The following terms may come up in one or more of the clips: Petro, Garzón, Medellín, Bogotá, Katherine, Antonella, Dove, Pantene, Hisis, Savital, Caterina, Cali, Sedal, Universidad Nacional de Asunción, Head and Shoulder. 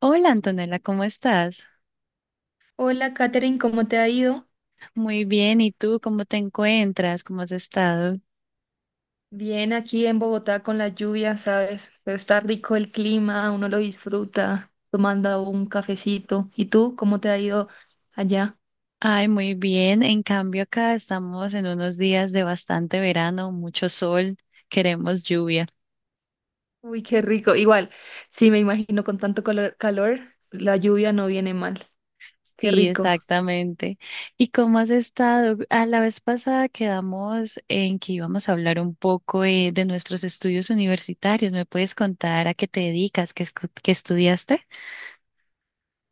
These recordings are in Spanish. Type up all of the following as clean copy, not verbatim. Hola, Antonella, ¿cómo estás? Hola, Katherine, ¿cómo te ha ido? Muy bien, ¿y tú cómo te encuentras? ¿Cómo has estado? Bien, aquí en Bogotá con la lluvia, ¿sabes? Pero está rico el clima, uno lo disfruta tomando un cafecito. ¿Y tú, cómo te ha ido allá? Ay, muy bien. En cambio, acá estamos en unos días de bastante verano, mucho sol, queremos lluvia. Uy, qué rico. Igual, sí, me imagino con tanto calor, la lluvia no viene mal. Qué Sí, rico. exactamente. ¿Y cómo has estado? A la vez pasada quedamos en que íbamos a hablar un poco de nuestros estudios universitarios. ¿Me puedes contar a qué te dedicas, qué, qué estudiaste?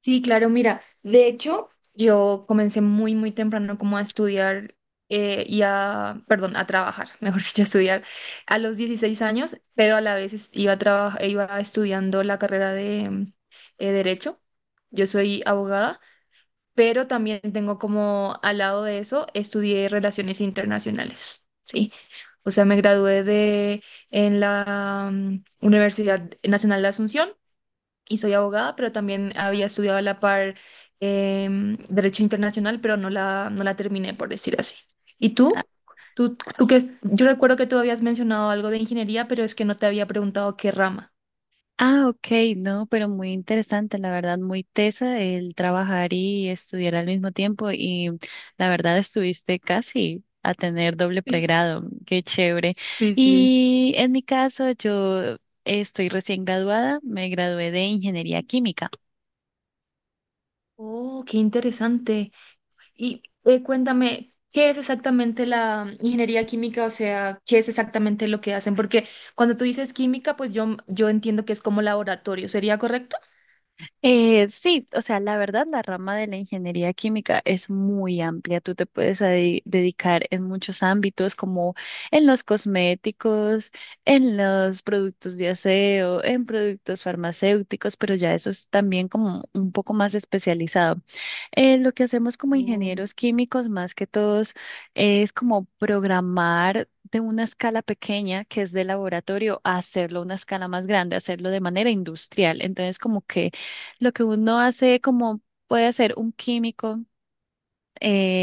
Sí, claro, mira, de hecho, yo comencé muy temprano como a estudiar a trabajar, mejor dicho, a estudiar a los 16 años, pero a la vez iba estudiando la carrera de Derecho. Yo soy abogada, pero también tengo como al lado de eso, estudié Relaciones Internacionales, ¿sí? O sea, me gradué de en la Universidad Nacional de Asunción y soy abogada, pero también había estudiado a la par Derecho Internacional, pero no la terminé, por decir así. ¿Y tú? Yo recuerdo que tú habías mencionado algo de ingeniería, pero es que no te había preguntado qué rama. Ah, ok, no, pero muy interesante, la verdad, muy tesa el trabajar y estudiar al mismo tiempo y la verdad estuviste casi a tener doble pregrado, qué chévere. Sí, sí. Y en mi caso, yo estoy recién graduada, me gradué de ingeniería química. Oh, qué interesante. Y cuéntame, ¿qué es exactamente la ingeniería química? O sea, ¿qué es exactamente lo que hacen? Porque cuando tú dices química, pues yo entiendo que es como laboratorio, ¿sería correcto? Sí, o sea, la verdad, la rama de la ingeniería química es muy amplia. Tú te puedes dedicar en muchos ámbitos, como en los cosméticos, en los productos de aseo, en productos farmacéuticos, pero ya eso es también como un poco más especializado. Lo que hacemos como Oh. ingenieros químicos, más que todos, es como programar de una escala pequeña, que es de laboratorio, a hacerlo a una escala más grande, hacerlo de manera industrial. Entonces, como que lo que uno hace como puede hacer un químico,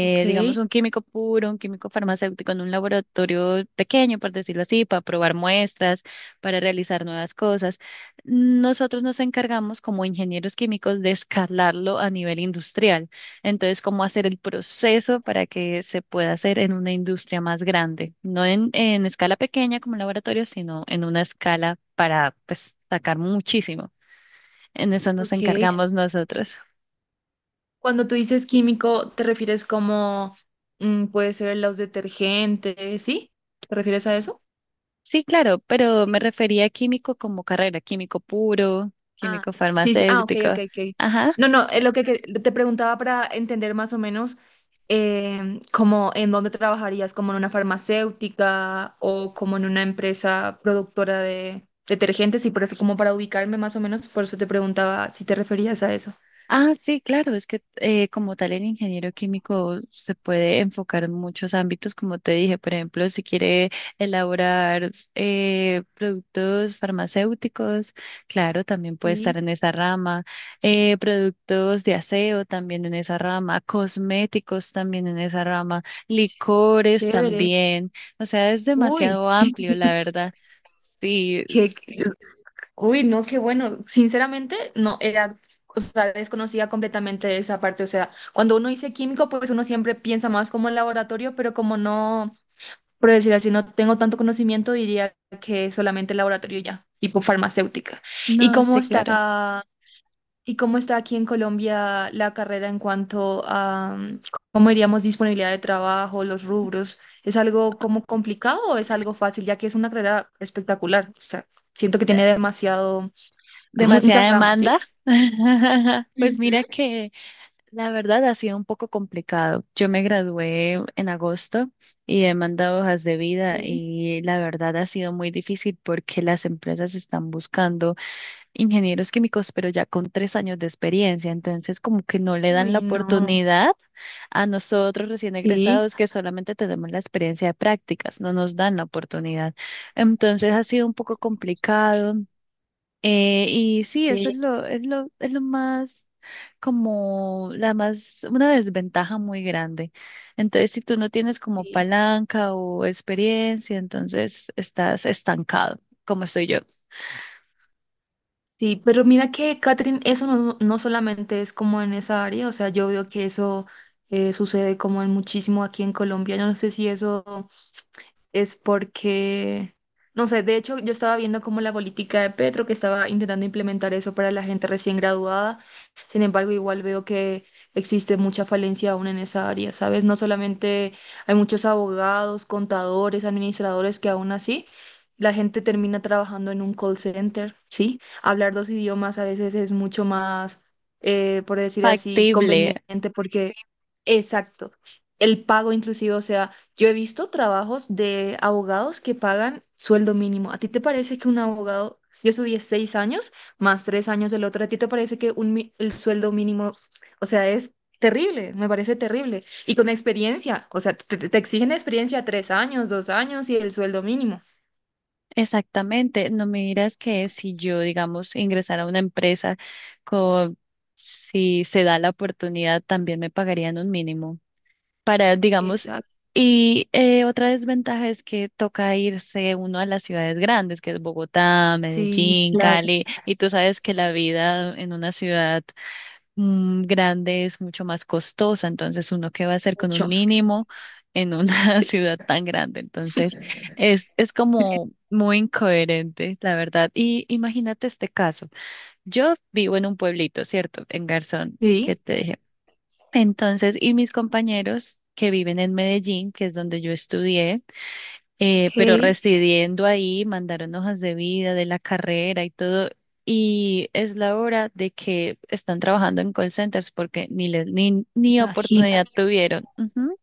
Ok, digamos un químico puro, un químico farmacéutico en un laboratorio pequeño, por decirlo así, para probar muestras, para realizar nuevas cosas. Nosotros nos encargamos como ingenieros químicos de escalarlo a nivel industrial. Entonces, cómo hacer el proceso para que se pueda hacer en una industria más grande, no en, en escala pequeña como un laboratorio, sino en una escala para pues sacar muchísimo. En eso nos ok. encargamos nosotros. Cuando tú dices químico, ¿te refieres como puede ser los detergentes, ¿sí? ¿Te refieres a eso? Sí, claro, pero me refería a químico como carrera, químico puro, Ah, químico sí, sí. Ah, ok, farmacéutico. ok, ok. Ajá. No, no, es lo te preguntaba para entender más o menos como en dónde trabajarías, como en una farmacéutica o como en una empresa productora de detergentes y por eso como para ubicarme más o menos, por eso te preguntaba si te referías a eso. Ah, sí, claro, es que como tal el ingeniero químico se puede enfocar en muchos ámbitos, como te dije, por ejemplo, si quiere elaborar productos farmacéuticos, claro, también puede estar Sí, en esa rama, productos de aseo también en esa rama, cosméticos también en esa rama, ch- licores chévere. también, o sea, es Uy, demasiado amplio, la verdad. Sí, qué, es- uy, no, qué bueno. Sinceramente, no era, o sea, desconocía completamente esa parte. O sea, cuando uno dice químico, pues uno siempre piensa más como en laboratorio, pero como no, por decir así, no tengo tanto conocimiento, diría que solamente laboratorio ya, tipo farmacéutica. ¿Y no, cómo sí, claro. está, y cómo está aquí en Colombia la carrera en cuanto a, cómo diríamos, disponibilidad de trabajo, los rubros? ¿Es algo como complicado o es algo fácil, ya que es una carrera espectacular? O sea, siento que tiene demasiado Demasiada muchas ramas, ¿sí? demanda. Pues Ujú. mira que la verdad ha sido un poco complicado. Yo me gradué en agosto y he mandado hojas de vida Sí. y la verdad ha sido muy difícil porque las empresas están buscando ingenieros químicos, pero ya con 3 años de experiencia. Entonces como que no le dan la Uy, no. oportunidad a nosotros recién Sí, egresados, que solamente tenemos la experiencia de prácticas, no nos dan la oportunidad. Entonces ha sido un poco complicado. Y sí, eso es sí, lo más como una desventaja muy grande. Entonces, si tú no tienes como sí. palanca o experiencia, entonces estás estancado, como soy yo. Sí, pero mira que, Catherine, eso no solamente es como en esa área, o sea, yo veo que eso sucede como en muchísimo aquí en Colombia. Yo no sé si eso... es porque, no sé, de hecho yo estaba viendo como la política de Petro, que estaba intentando implementar eso para la gente recién graduada, sin embargo igual veo que existe mucha falencia aún en esa área, ¿sabes? No solamente hay muchos abogados, contadores, administradores que aún así... La gente termina trabajando en un call center, ¿sí? Hablar dos idiomas a veces es mucho más, por decir así, Factible, conveniente porque, exacto, el pago inclusive, o sea, yo he visto trabajos de abogados que pagan sueldo mínimo. ¿A ti te parece que un abogado, yo estudié 6 años más 3 años del otro, ¿a ti te parece que el sueldo mínimo, o sea, es terrible? Me parece terrible. Y con experiencia, o sea, te exigen experiencia 3 años, 2 años y el sueldo mínimo. exactamente. No me dirás que si yo, digamos, ingresara a una empresa con, si se da la oportunidad, también me pagarían un mínimo. Para, digamos, Exacto, y otra desventaja es que toca irse uno a las ciudades grandes, que es Bogotá, sí, Medellín, claro, Cali, y tú sabes que la vida en una ciudad grande es mucho más costosa, entonces uno qué va a hacer con mucho. un mínimo en una Sí, ciudad tan grande, entonces es como muy incoherente, la verdad. Y imagínate este caso, yo vivo en un pueblito, ¿cierto? En Garzón, sí, que te dije. Entonces, y mis compañeros que viven en Medellín, que es donde yo estudié, ok, pero residiendo ahí, mandaron hojas de vida de la carrera y todo. Y es la hora de que están trabajando en call centers porque ni les, ni, ni oportunidad imagínate. tuvieron. Ujú.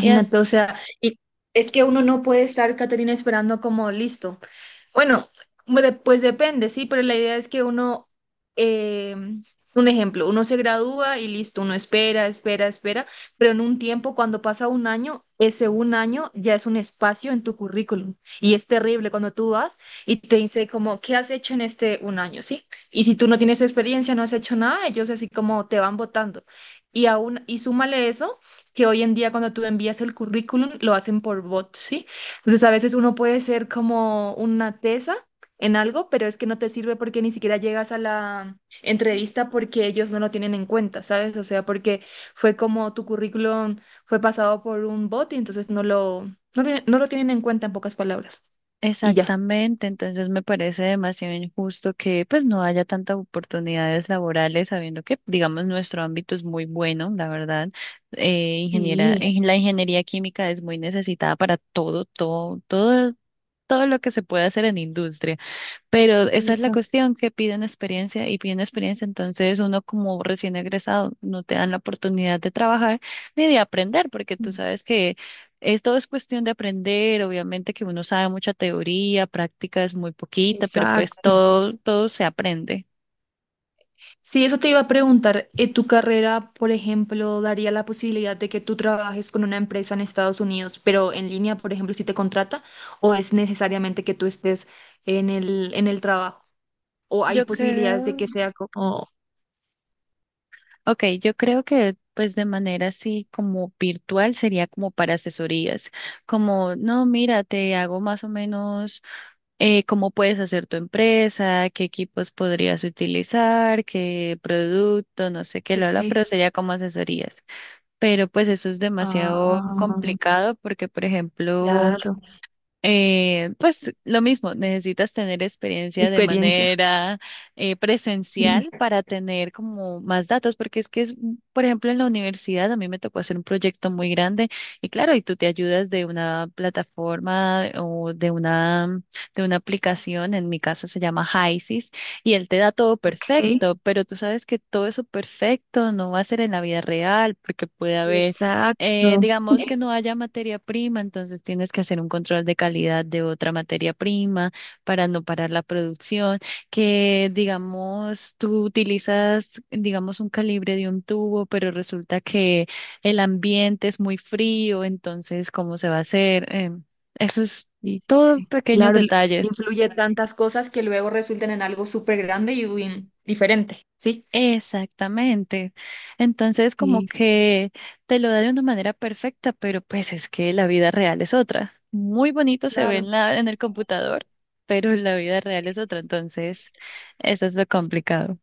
Y o sea, y es que uno no puede estar, Caterina, esperando como listo. Bueno, pues depende, sí, pero la idea es que uno, eh, un ejemplo, uno se gradúa y listo, uno espera, espera, espera, pero en un tiempo, cuando pasa un año, ese un año ya es un espacio en tu currículum y es terrible cuando tú vas y te dice como, ¿qué has hecho en este un año? ¿Sí? Y si tú no tienes experiencia, no has hecho nada, ellos así como te van votando. Y aún, y súmale eso, que hoy en día cuando tú envías el currículum, lo hacen por bot, ¿sí? Entonces, a veces uno puede ser como una tesa en algo, pero es que no te sirve porque ni siquiera llegas a la entrevista porque ellos no lo tienen en cuenta, ¿sabes? O sea, porque fue como tu currículum fue pasado por un bot y entonces no lo tienen en cuenta en pocas palabras. Y ya. exactamente, entonces me parece demasiado injusto que pues no haya tantas oportunidades laborales, sabiendo que, digamos, nuestro ámbito es muy bueno, la verdad. Eh, ingeniera, Sí, en la ingeniería química es muy necesitada para todo, todo, todo, todo lo que se puede hacer en industria. Pero esa es la exacto. cuestión, que piden experiencia y piden experiencia, entonces uno como recién egresado no te dan la oportunidad de trabajar ni de aprender, porque tú sabes que es todo es cuestión de aprender, obviamente que uno sabe mucha teoría, práctica es muy poquita, pero pues Exacto. todo, todo se aprende. Sí, eso te iba a preguntar. ¿Tu carrera, por ejemplo, daría la posibilidad de que tú trabajes con una empresa en Estados Unidos, pero en línea, por ejemplo, si te contrata, o es necesariamente que tú estés en en el trabajo? ¿O hay Yo posibilidades de creo, que sea como, ok, yo creo que pues de manera así como virtual sería como para asesorías, como no, mira, te hago más o menos cómo puedes hacer tu empresa, qué equipos podrías utilizar, qué producto, no sé qué, lo ok, pero sería como asesorías. Pero pues eso es demasiado ah, complicado porque, por ejemplo, claro, pues lo mismo, necesitas tener experiencia de experiencia? manera presencial Sí, para tener como más datos, porque es que es, un- por ejemplo, en la universidad a mí me tocó hacer un proyecto muy grande y claro, y tú te ayudas de una plataforma o de una aplicación, en mi caso se llama Hisis, y él te da todo ok, perfecto, pero tú sabes que todo eso perfecto no va a ser en la vida real, porque puede haber exacto. digamos que no haya materia prima, entonces tienes que hacer un control de calidad de otra materia prima para no parar la producción, que digamos tú utilizas, digamos, un calibre de un tubo, pero resulta que el ambiente es muy frío, entonces, ¿cómo se va a hacer? Eso es Sí, sí, todo sí. pequeños Claro, detalles. influye tantas cosas que luego resultan en algo súper grande y uy, diferente, ¿sí? Exactamente. Entonces, como Sí, que te lo da de una manera perfecta, pero pues es que la vida real es otra. Muy bonito se ve claro. en la, en el computador, pero la vida real es otra. Entonces, eso es lo complicado.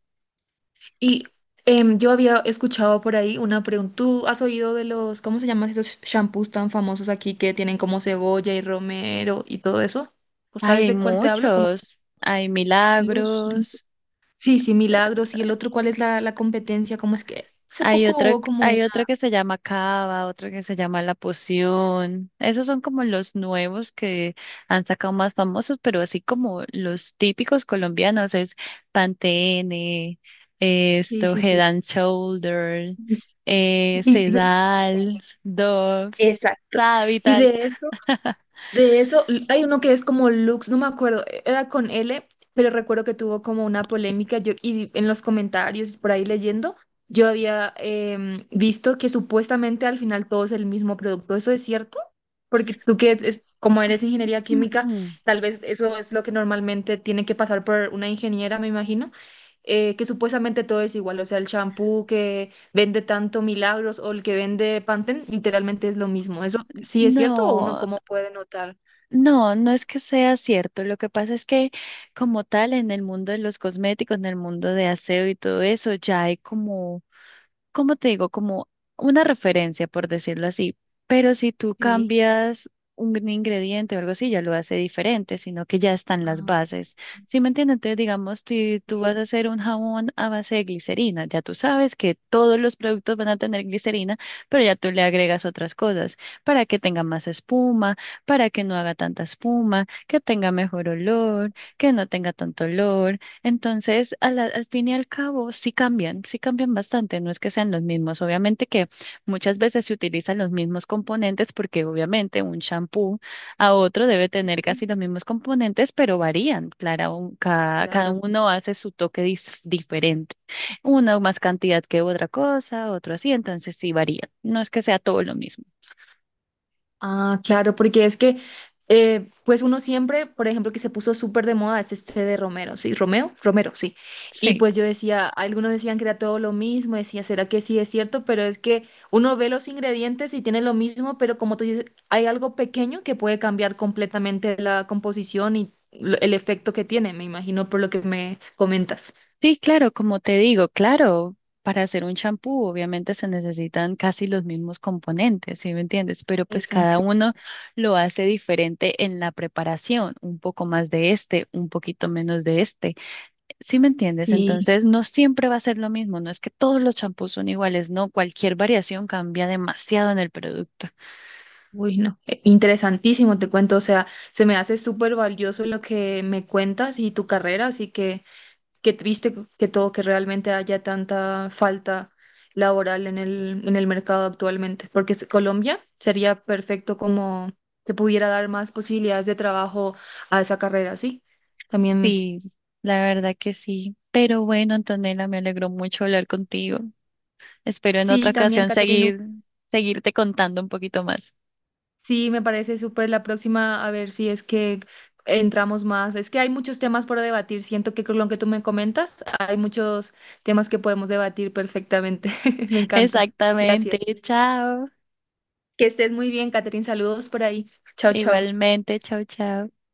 Y yo había escuchado por ahí una pregunta. ¿Tú has oído de los, cómo se llaman esos shampoos tan famosos aquí que tienen como cebolla y romero y todo eso? ¿O Ay, sabes hay de cuál te hablo? Como muchos. Hay Luz. Milagros. Sí, sí, Milagros. ¿Y el otro cuál es la competencia? ¿Cómo es que hace Hay poco otro, hubo como hay una... otro que se llama Cava, otro que se llama La Poción. Esos son como los nuevos que han sacado más famosos, pero así como los típicos colombianos es Pantene, Sí, esto, sí, Head sí. and Shoulder, Y- y de- Sedal, Dove, Exacto. Y Savital. de eso... De eso, hay uno que es como Lux, no me acuerdo, e, era con L, pero recuerdo que tuvo como una polémica yo, y en los comentarios, por ahí leyendo, yo había visto que supuestamente al final todo es el mismo producto. ¿Eso es cierto? Porque tú que es, como eres ingeniería química, tal vez eso es lo que normalmente tiene que pasar por una ingeniera, me imagino, que supuestamente todo es igual, o sea, el champú, vende tanto milagros o el que vende Pantene, literalmente es lo mismo. ¿Eso sí es cierto o uno No. cómo puede notar? No, no es que sea cierto. Lo que pasa es que como tal en el mundo de los cosméticos, en el mundo de aseo y todo eso, ya hay como, como te digo, como una referencia, por decirlo así, pero si tú Sí. cambias un ingrediente o algo así, ya lo hace diferente, sino que ya están las Ah, bases. ¿Sí me entiendes? Entonces, digamos, si tú vas sí, a hacer un jabón a base de glicerina, ya tú sabes que todos los productos van a tener glicerina, pero ya tú le agregas otras cosas para que tenga más espuma, para que no haga tanta espuma, que tenga mejor olor, que no tenga tanto olor. Entonces, al fin y al cabo, sí cambian bastante, no es que sean los mismos. Obviamente que muchas veces se utilizan los mismos componentes porque obviamente un shampoo a otro debe tener sí, casi los mismos componentes, pero varían. Claro, cada, cada claro. uno hace su toque diferente. Uno más cantidad que otra cosa, otro así, entonces sí varían. No es que sea todo lo mismo. Ah, claro, porque es que, pues uno siempre, por ejemplo, que se puso súper de moda es este de Romero, ¿sí? ¿Romeo? Romero, sí. Y Sí. pues yo decía, algunos decían que era todo lo mismo, decía, ¿será que sí es cierto? Pero es que uno ve los ingredientes y tiene lo mismo, pero como tú dices, hay algo pequeño que puede cambiar completamente la composición y el efecto que tiene, me imagino por lo que me comentas. Sí, claro, como te digo, claro, para hacer un champú obviamente se necesitan casi los mismos componentes, ¿sí me entiendes? Pero pues cada Exacto. uno lo hace diferente en la preparación, un poco más de este, un poquito menos de este, ¿sí me entiendes? Sí. Entonces no siempre va a ser lo mismo, no es que todos los champús son iguales, no, cualquier variación cambia demasiado en el producto. Uy, no, interesantísimo, te cuento, o sea, se me hace súper valioso lo que me cuentas y tu carrera, así que qué triste que todo, que realmente haya tanta falta laboral en en el mercado actualmente, porque Colombia sería perfecto como que pudiera dar más posibilidades de trabajo a esa carrera, ¿sí? También, Sí, la verdad que sí. Pero bueno, Antonella, me alegró mucho hablar contigo. Espero en otra sí, también, ocasión Catherine. seguir, seguirte contando un poquito más. Sí, me parece súper la próxima, a ver si es que entramos más. Es que hay muchos temas por debatir. Siento que con lo que tú me comentas, hay muchos temas que podemos debatir perfectamente. Me encanta. Gracias. Exactamente, chao. Que estés muy bien, Catherine. Saludos por ahí. Chao, chao. Igualmente, chao, chao.